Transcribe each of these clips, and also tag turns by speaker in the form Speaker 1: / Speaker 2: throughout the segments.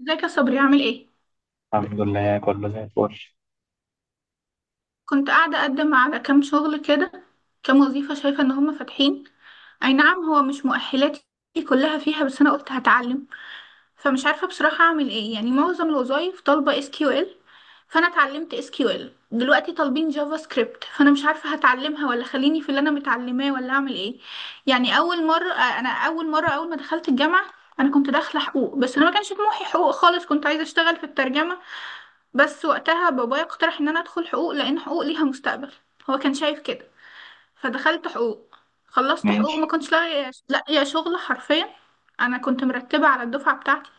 Speaker 1: ازيك يا صبري، عامل ايه؟
Speaker 2: الحمد لله كله زي الفل.
Speaker 1: كنت قاعده اقدم على كام شغل كده، كام وظيفه شايفه ان هم فاتحين. اي نعم، هو مش مؤهلاتي كلها فيها، بس انا قلت هتعلم. فمش عارفه بصراحه اعمل ايه، يعني معظم الوظايف طالبه اس كيو ال. فانا اتعلمت اس كيو ال، دلوقتي طالبين جافا سكريبت، فانا مش عارفه هتعلمها ولا خليني في اللي انا متعلماه ولا اعمل ايه. يعني اول مره اول ما دخلت الجامعه انا كنت داخله حقوق، بس انا ما كانش طموحي حقوق خالص، كنت عايزه اشتغل في الترجمه. بس وقتها بابايا اقترح ان انا ادخل حقوق لان حقوق ليها مستقبل، هو كان شايف كده. فدخلت حقوق، خلصت حقوق،
Speaker 2: ماشي.
Speaker 1: ما كنتش لاقيه شغل حرفيا. انا كنت مرتبه على الدفعه بتاعتي،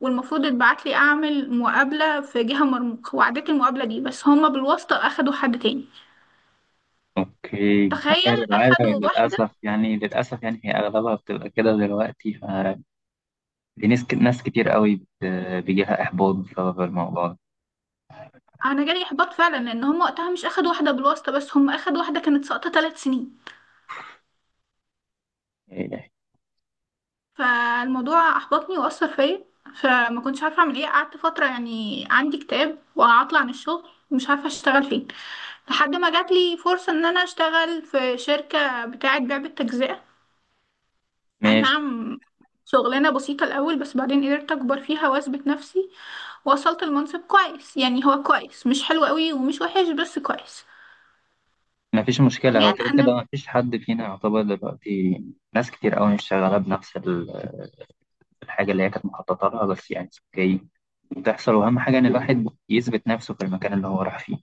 Speaker 1: والمفروض اتبعت لي اعمل مقابله في جهه مرموق، وعديت المقابله دي، بس هما بالواسطه اخدوا حد تاني.
Speaker 2: اوكي، ما هي
Speaker 1: تخيل
Speaker 2: العادة
Speaker 1: اخدوا واحده!
Speaker 2: للأسف، يعني للأسف يعني هي أغلبها بتبقى كده دلوقتي، فدي ناس كتير قوي بيجيلها إحباط بسبب الموضوع ده،
Speaker 1: انا جالي احباط فعلا، لان هما وقتها مش اخدوا واحده بالواسطه بس، هما اخدوا واحده كانت ساقطه 3 سنين.
Speaker 2: يعني.
Speaker 1: فالموضوع احبطني واثر فيا، فما كنتش عارفه اعمل ايه. قعدت فتره يعني عندي اكتئاب وعطلة عن الشغل، مش عارفه اشتغل فين، لحد ما جات لي فرصه ان انا اشتغل في شركه بتاعه بيع بالتجزئه. اي
Speaker 2: ماشي،
Speaker 1: نعم، شغلانه بسيطه الاول، بس بعدين قدرت اكبر فيها واثبت نفسي ووصلت المنصب كويس. يعني هو كويس، مش حلو قوي ومش وحش، بس كويس.
Speaker 2: ما فيش مشكلة،
Speaker 1: حاليا
Speaker 2: هو كده كده
Speaker 1: انا
Speaker 2: ما فيش حد فينا يعتبر دلوقتي ناس كتير قوي مش شغالة بنفس الحاجة اللي هي كانت مخططة لها، بس يعني اوكي بتحصل، وأهم حاجة إن الواحد يثبت نفسه في المكان اللي هو راح فيه.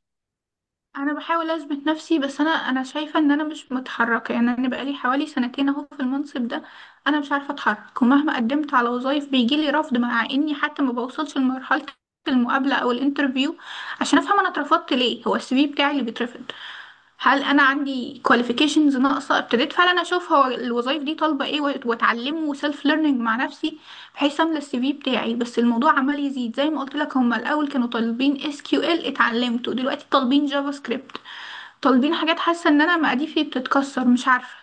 Speaker 1: انا بحاول اثبت نفسي، بس انا شايفه ان انا مش متحركه، يعني انا بقالي حوالي سنتين اهو في المنصب ده. انا مش عارفه اتحرك، ومهما قدمت على وظايف بيجيلي رفض، مع اني حتى ما بوصلش لمرحله المقابله او الانترفيو عشان افهم انا اترفضت ليه. هو السي في بتاعي اللي بيترفض؟ هل انا عندي كواليفيكيشنز ناقصه؟ ابتديت فعلا اشوف هو الوظايف دي طالبه ايه واتعلمه وسيلف ليرنينج مع نفسي بحيث املى السي في بتاعي، بس الموضوع عمال يزيد. زي ما قلت لك، هما الاول كانوا طالبين اس كيو ال اتعلمته، دلوقتي طالبين جافا سكريبت، طالبين حاجات، حاسه ان انا مقاديفي بتتكسر. مش عارفه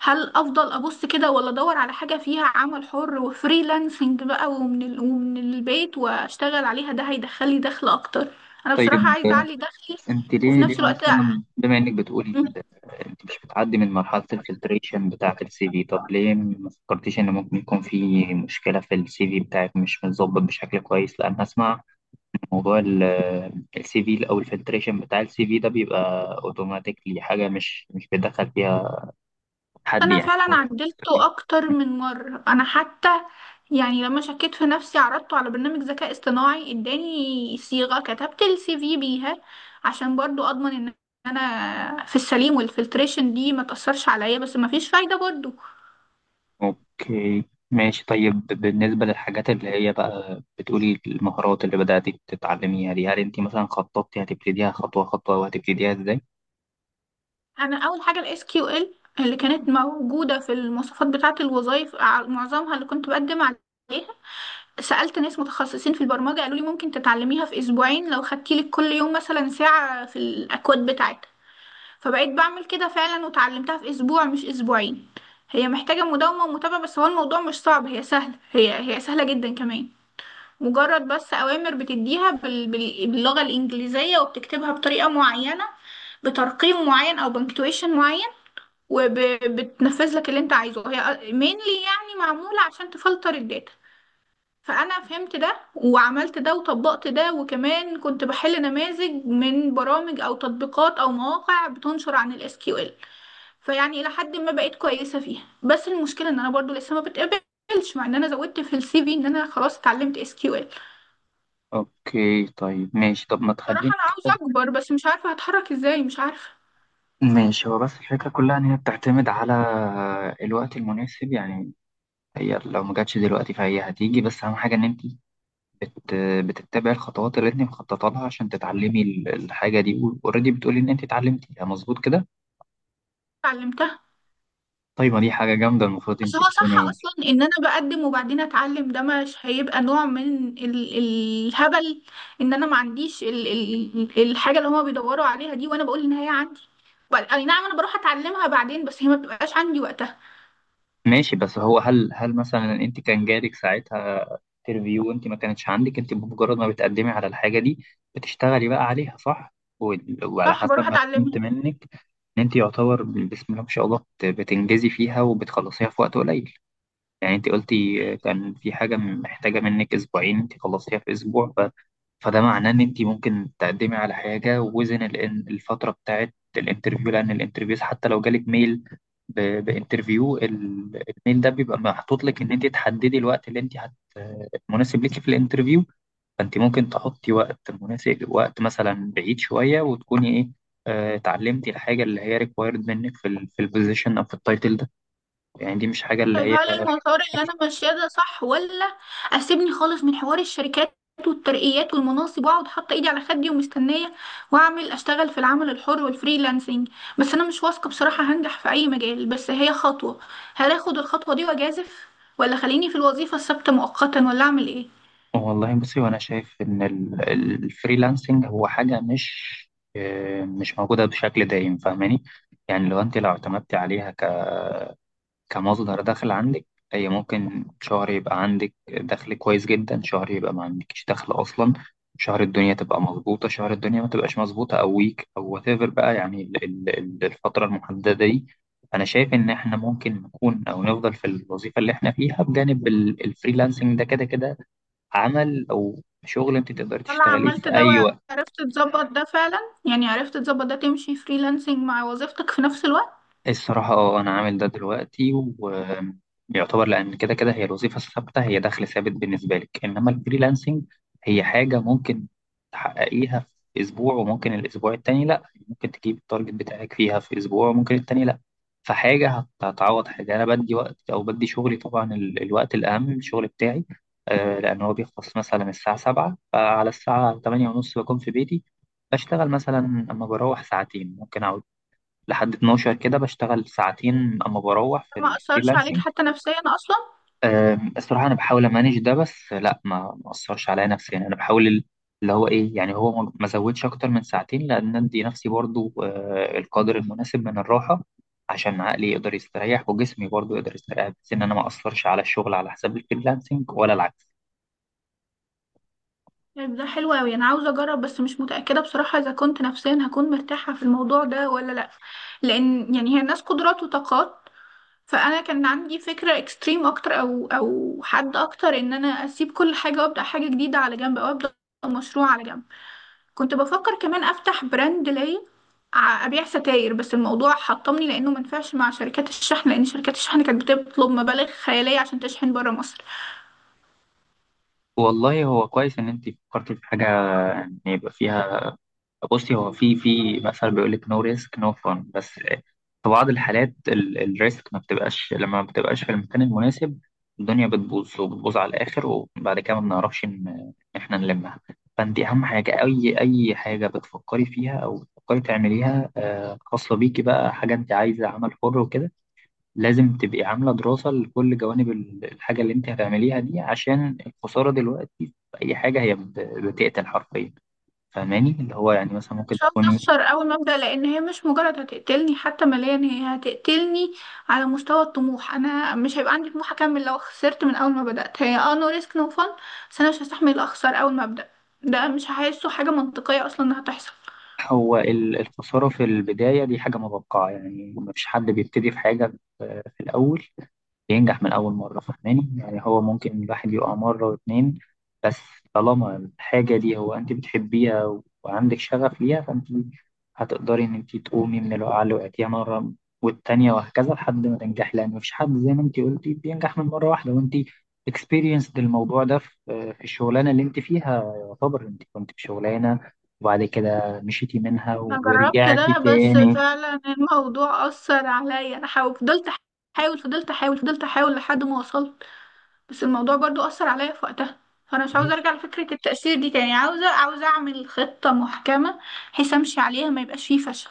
Speaker 1: هل افضل ابص كده، ولا ادور على حاجه فيها عمل حر وفريلانسنج بقى، ومن البيت واشتغل عليها، ده هيدخلي دخل اكتر. انا بصراحه
Speaker 2: طيب،
Speaker 1: عايزه اعلي دخلي.
Speaker 2: انت
Speaker 1: وفي
Speaker 2: ليه
Speaker 1: نفس
Speaker 2: ليه
Speaker 1: الوقت،
Speaker 2: اصلا بما انك بتقولي انت مش بتعدي من مرحله الفلتريشن بتاعه السي في؟ طب ليه ما فكرتيش ان ممكن يكون في مشكله في السي في بتاعك، مش متظبط بشكل كويس؟ لان اسمع، موضوع السي في او الفلتريشن بتاع السي في ده بيبقى اوتوماتيكلي، حاجه مش بيدخل فيها حد
Speaker 1: انا
Speaker 2: يعني.
Speaker 1: فعلا عدلته اكتر من مره. انا حتى يعني لما شكيت في نفسي عرضته على برنامج ذكاء اصطناعي، اداني صيغه كتبت السي في بيها عشان برضو اضمن ان انا في السليم والفلتريشن دي ما تاثرش عليا، بس ما فيش فايده برضو.
Speaker 2: اوكي، ماشي. طيب، بالنسبة للحاجات اللي هي بقى بتقولي المهارات اللي بدأتي تتعلميها دي، هل انت مثلا خططتي هتبتديها خطوة خطوة، وهتبتديها ازاي؟
Speaker 1: انا اول حاجه الاس كيو ال اللي كانت موجوده في المواصفات بتاعه الوظائف معظمها اللي كنت بقدم عليها. سألت ناس متخصصين في البرمجة قالوا لي ممكن تتعلميها في أسبوعين لو خدتي لك كل يوم مثلا ساعة في الأكواد بتاعتها. فبقيت بعمل كده فعلا وتعلمتها في اسبوع مش اسبوعين. هي محتاجة مداومة ومتابعة، بس هو الموضوع مش صعب، هي سهلة، هي سهلة جدا كمان. مجرد بس اوامر بتديها باللغة الانجليزية وبتكتبها بطريقة معينة، بترقيم معين او بنكتويشن معين، وبتنفذ لك اللي انت عايزه. هي مينلي يعني معمولة عشان تفلتر الداتا. فانا فهمت ده وعملت ده وطبقت ده، وكمان كنت بحل نماذج من برامج او تطبيقات او مواقع بتنشر عن الاس كيو ال. فيعني إلى حد ما بقيت كويسة فيها، بس المشكلة إن أنا برضو لسه ما بتقبلش مع إن أنا زودت في السي في إن أنا خلاص اتعلمت اس كيو ال.
Speaker 2: اوكي، طيب ماشي، طب ما تخليني.
Speaker 1: بصراحة أنا عاوزة أكبر، بس مش عارفة هتحرك إزاي، مش عارفة.
Speaker 2: ماشي، هو بس الفكرة كلها ان هي بتعتمد على الوقت المناسب، يعني هي لو ما جاتش دلوقتي فهي هتيجي، بس اهم حاجة ان انت بت... بتتبعي الخطوات اللي انت مخططة لها عشان تتعلمي الحاجة دي. اوريدي بتقولي ان انت اتعلمتيها مظبوط كده.
Speaker 1: اتعلمتها.
Speaker 2: طيب، ما دي حاجة جامدة، المفروض
Speaker 1: بس
Speaker 2: انت
Speaker 1: هو صح
Speaker 2: تكوني.
Speaker 1: أصلا إن أنا بقدم وبعدين أتعلم؟ ده مش هيبقى نوع من الهبل إن أنا ما عنديش ال ال الحاجة اللي هما بيدوروا عليها دي، وأنا بقول إن هي عندي؟ أي نعم، أنا بروح أتعلمها بعدين، بس هي ما بتبقاش عندي وقتها.
Speaker 2: ماشي، بس هو هل مثلا انت كان جالك ساعتها انترفيو؟ انت ما كانتش عندك، انت بمجرد ما بتقدمي على الحاجه دي بتشتغلي بقى عليها، صح؟ وال- وعلى
Speaker 1: صح،
Speaker 2: حسب
Speaker 1: بروح
Speaker 2: ما فهمت
Speaker 1: أتعلمها.
Speaker 2: منك ان انت يعتبر بسم الله ما شاء الله بتنجزي فيها وبتخلصيها في وقت قليل. يعني انت قلتي كان في حاجة محتاجة منك اسبوعين، انت خلصتيها في اسبوع، فده معناه ان انت ممكن تقدمي على حاجة وزن الفترة بتاعت الانترفيو، لان الانترفيوز حتى لو جالك ميل بانترفيو، الميل ده بيبقى محطوط لك ان انت تحددي الوقت اللي انت مناسب ليكي في الانترفيو. فانت ممكن تحطي وقت مناسب، وقت مثلا بعيد شوية، وتكوني ايه، اتعلمتي الحاجة اللي هي ريكوايرد منك في ال في البوزيشن او في التايتل ده. يعني دي مش حاجة اللي
Speaker 1: طيب
Speaker 2: هي.
Speaker 1: هل المسار اللي انا ماشياه ده صح، ولا اسيبني خالص من حوار الشركات والترقيات والمناصب واقعد حاطه ايدي على خدي ومستنيه، واعمل اشتغل في العمل الحر والفريلانسنج؟ بس انا مش واثقه بصراحه هنجح في اي مجال، بس هي خطوه. هل اخد الخطوه دي واجازف، ولا خليني في الوظيفه الثابته مؤقتا، ولا اعمل ايه؟
Speaker 2: والله بصي، وانا شايف ان الفريلانسنج هو حاجه مش، مش موجوده بشكل دايم، فاهماني؟ يعني لو انت لو اعتمدتي عليها كمصدر دخل عندك، هي ممكن شهر يبقى عندك دخل كويس جدا، شهر يبقى ما عندكش دخل اصلا، شهر الدنيا تبقى مظبوطه، شهر الدنيا ما تبقاش مظبوطه، او ويك او وات ايفر بقى، يعني الفتره المحدده دي. انا شايف ان احنا ممكن نكون او نفضل في الوظيفه اللي احنا فيها بجانب الفريلانسنج، ده كده كده عمل او شغل انت تقدر
Speaker 1: انا
Speaker 2: تشتغليه
Speaker 1: عملت
Speaker 2: في
Speaker 1: ده
Speaker 2: اي وقت.
Speaker 1: وعرفت تظبط ده فعلا؟ يعني عرفت تظبط ده، تمشي فريلانسنج مع وظيفتك في نفس الوقت؟
Speaker 2: الصراحة اه أنا عامل ده دلوقتي، ويعتبر لأن كده كده هي الوظيفة الثابتة هي دخل ثابت بالنسبة لك، إنما الفريلانسنج هي حاجة ممكن تحققيها في أسبوع وممكن الأسبوع التاني لأ، ممكن تجيب التارجت بتاعك فيها في أسبوع وممكن التاني لأ، فحاجة هتعوض حاجة. أنا بدي وقت أو بدي شغلي طبعا، الوقت الأهم الشغل بتاعي، لأن هو بيخلص مثلا الساعة سبعة، فعلى الساعة تمانية ونص بكون في بيتي بشتغل مثلا. أما بروح ساعتين، ممكن أقعد لحد 12 كده بشتغل ساعتين اما بروح في
Speaker 1: ما اثرش عليك
Speaker 2: الفريلانسنج.
Speaker 1: حتى نفسيا اصلا؟
Speaker 2: الصراحه انا بحاول امانج ده، بس لا، ما اثرش عليا نفسيا، يعني انا بحاول اللي هو ايه، يعني هو ما زودش اكتر من ساعتين، لان ادي نفسي برضو القدر المناسب من الراحه عشان عقلي يقدر يستريح وجسمي برضو يقدر يستريح، بس ان انا ما اثرش على الشغل على حساب الفريلانسنج ولا العكس.
Speaker 1: طيب ده حلو أوي، أنا عاوزة أجرب، بس مش متأكدة بصراحة إذا كنت نفسيا هكون مرتاحة في الموضوع ده ولا لأ. لأن يعني هي الناس قدرات وطاقات. فأنا كان عندي فكرة إكستريم أكتر، أو حد أكتر إن أنا أسيب كل حاجة وأبدأ حاجة جديدة على جنب، أو أبدأ مشروع على جنب. كنت بفكر كمان أفتح براند ليا، أبيع ستاير، بس الموضوع حطمني لأنه منفعش مع شركات الشحن، لأن شركات الشحن كانت بتطلب مبالغ خيالية عشان تشحن برا مصر.
Speaker 2: والله هو كويس ان انت فكرتي في حاجه ان يبقى فيها. بصي، هو في في مثلا بيقول لك نو ريسك نو فن، بس في بعض الحالات الريسك ما بتبقاش لما ما بتبقاش في المكان المناسب الدنيا بتبوظ وبتبوظ على الاخر، وبعد كده ما بنعرفش ان إن احنا نلمها. فانت اهم حاجه اي اي حاجه بتفكري فيها او بتفكري تعمليها، خاصه بيكي بقى حاجه انت عايزه عمل حر وكده، لازم تبقي عامله دراسه لكل جوانب الحاجه اللي انت هتعمليها دي، عشان الخساره دلوقتي في اي حاجه هي بتقتل حرفيا، فاهماني؟ اللي هو يعني مثلا ممكن
Speaker 1: مش عاوزة
Speaker 2: تكون،
Speaker 1: أخسر أول ما أبدأ، لأن هي مش مجرد هتقتلني، حتى ماليا هي هتقتلني على مستوى الطموح. أنا مش هيبقى عندي طموح أكمل لو خسرت من أول ما بدأت. هي اه، نو ريسك نو فن، بس أنا مش هستحمل أخسر أول ما أبدأ. ده مش هحسه حاجة منطقية أصلا إنها تحصل.
Speaker 2: هو الخسارة في البداية دي حاجة متوقعة، يعني مفيش حد بيبتدي في حاجة في في الأول بينجح من أول مرة، فاهماني؟ يعني هو ممكن الواحد يقع مرة واتنين، بس طالما الحاجة دي هو أنت بتحبيها وعندك شغف ليها، فأنت هتقدري إن أنت تقومي من الوقعة اللي وقعتيها مرة والتانية وهكذا لحد ما تنجحي، لأن مفيش حد زي ما أنت قلتي بينجح من مرة واحدة. وأنت experienced الموضوع ده في في الشغلانة اللي أنت فيها، يعتبر أنت كنت في شغلانة وبعد كده مشيتي منها
Speaker 1: أنا جربت
Speaker 2: ورجعتي
Speaker 1: ده، بس
Speaker 2: تاني.
Speaker 1: فعلا الموضوع أثر عليا. أنا فضلت أحاول، فضلت أحاول، فضلت أحاول لحد ما وصلت، بس الموضوع برضو أثر عليا في وقتها. فأنا مش عاوزة أرجع لفكرة التأثير دي تاني، عاوزة أعمل خطة محكمة بحيث أمشي عليها ما يبقاش فيه فشل،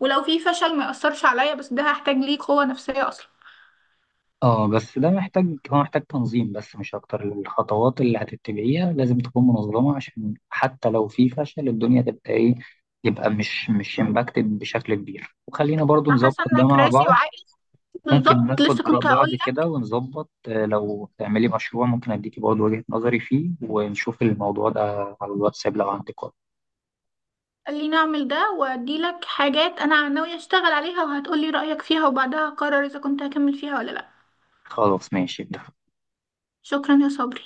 Speaker 1: ولو فيه فشل ما يأثرش عليا، بس ده هحتاج ليه قوة نفسية أصلا.
Speaker 2: اه بس ده محتاج، هو محتاج تنظيم بس مش اكتر، الخطوات اللي هتتبعيها لازم تكون منظمة عشان حتى لو في فشل الدنيا تبقى ايه، يبقى مش امباكتد بشكل كبير، وخلينا برضو
Speaker 1: أنا
Speaker 2: نظبط
Speaker 1: حاسة
Speaker 2: ده
Speaker 1: إنك
Speaker 2: مع
Speaker 1: راسي
Speaker 2: بعض.
Speaker 1: وعقلي
Speaker 2: ممكن
Speaker 1: بالظبط،
Speaker 2: ناخد
Speaker 1: لسه
Speaker 2: آراء
Speaker 1: كنت هقول
Speaker 2: بعض كده
Speaker 1: لك.
Speaker 2: ونظبط، لو تعملي مشروع ممكن اديكي برضو وجهة نظري فيه ونشوف الموضوع ده على الواتساب لو عندك وقت.
Speaker 1: قال لي نعمل ده، وأدي لك حاجات أنا ناوية أشتغل عليها وهتقولي رأيك فيها، وبعدها أقرر إذا كنت هكمل فيها ولا لأ.
Speaker 2: خلاص ماشي ده.
Speaker 1: شكرا يا صبري.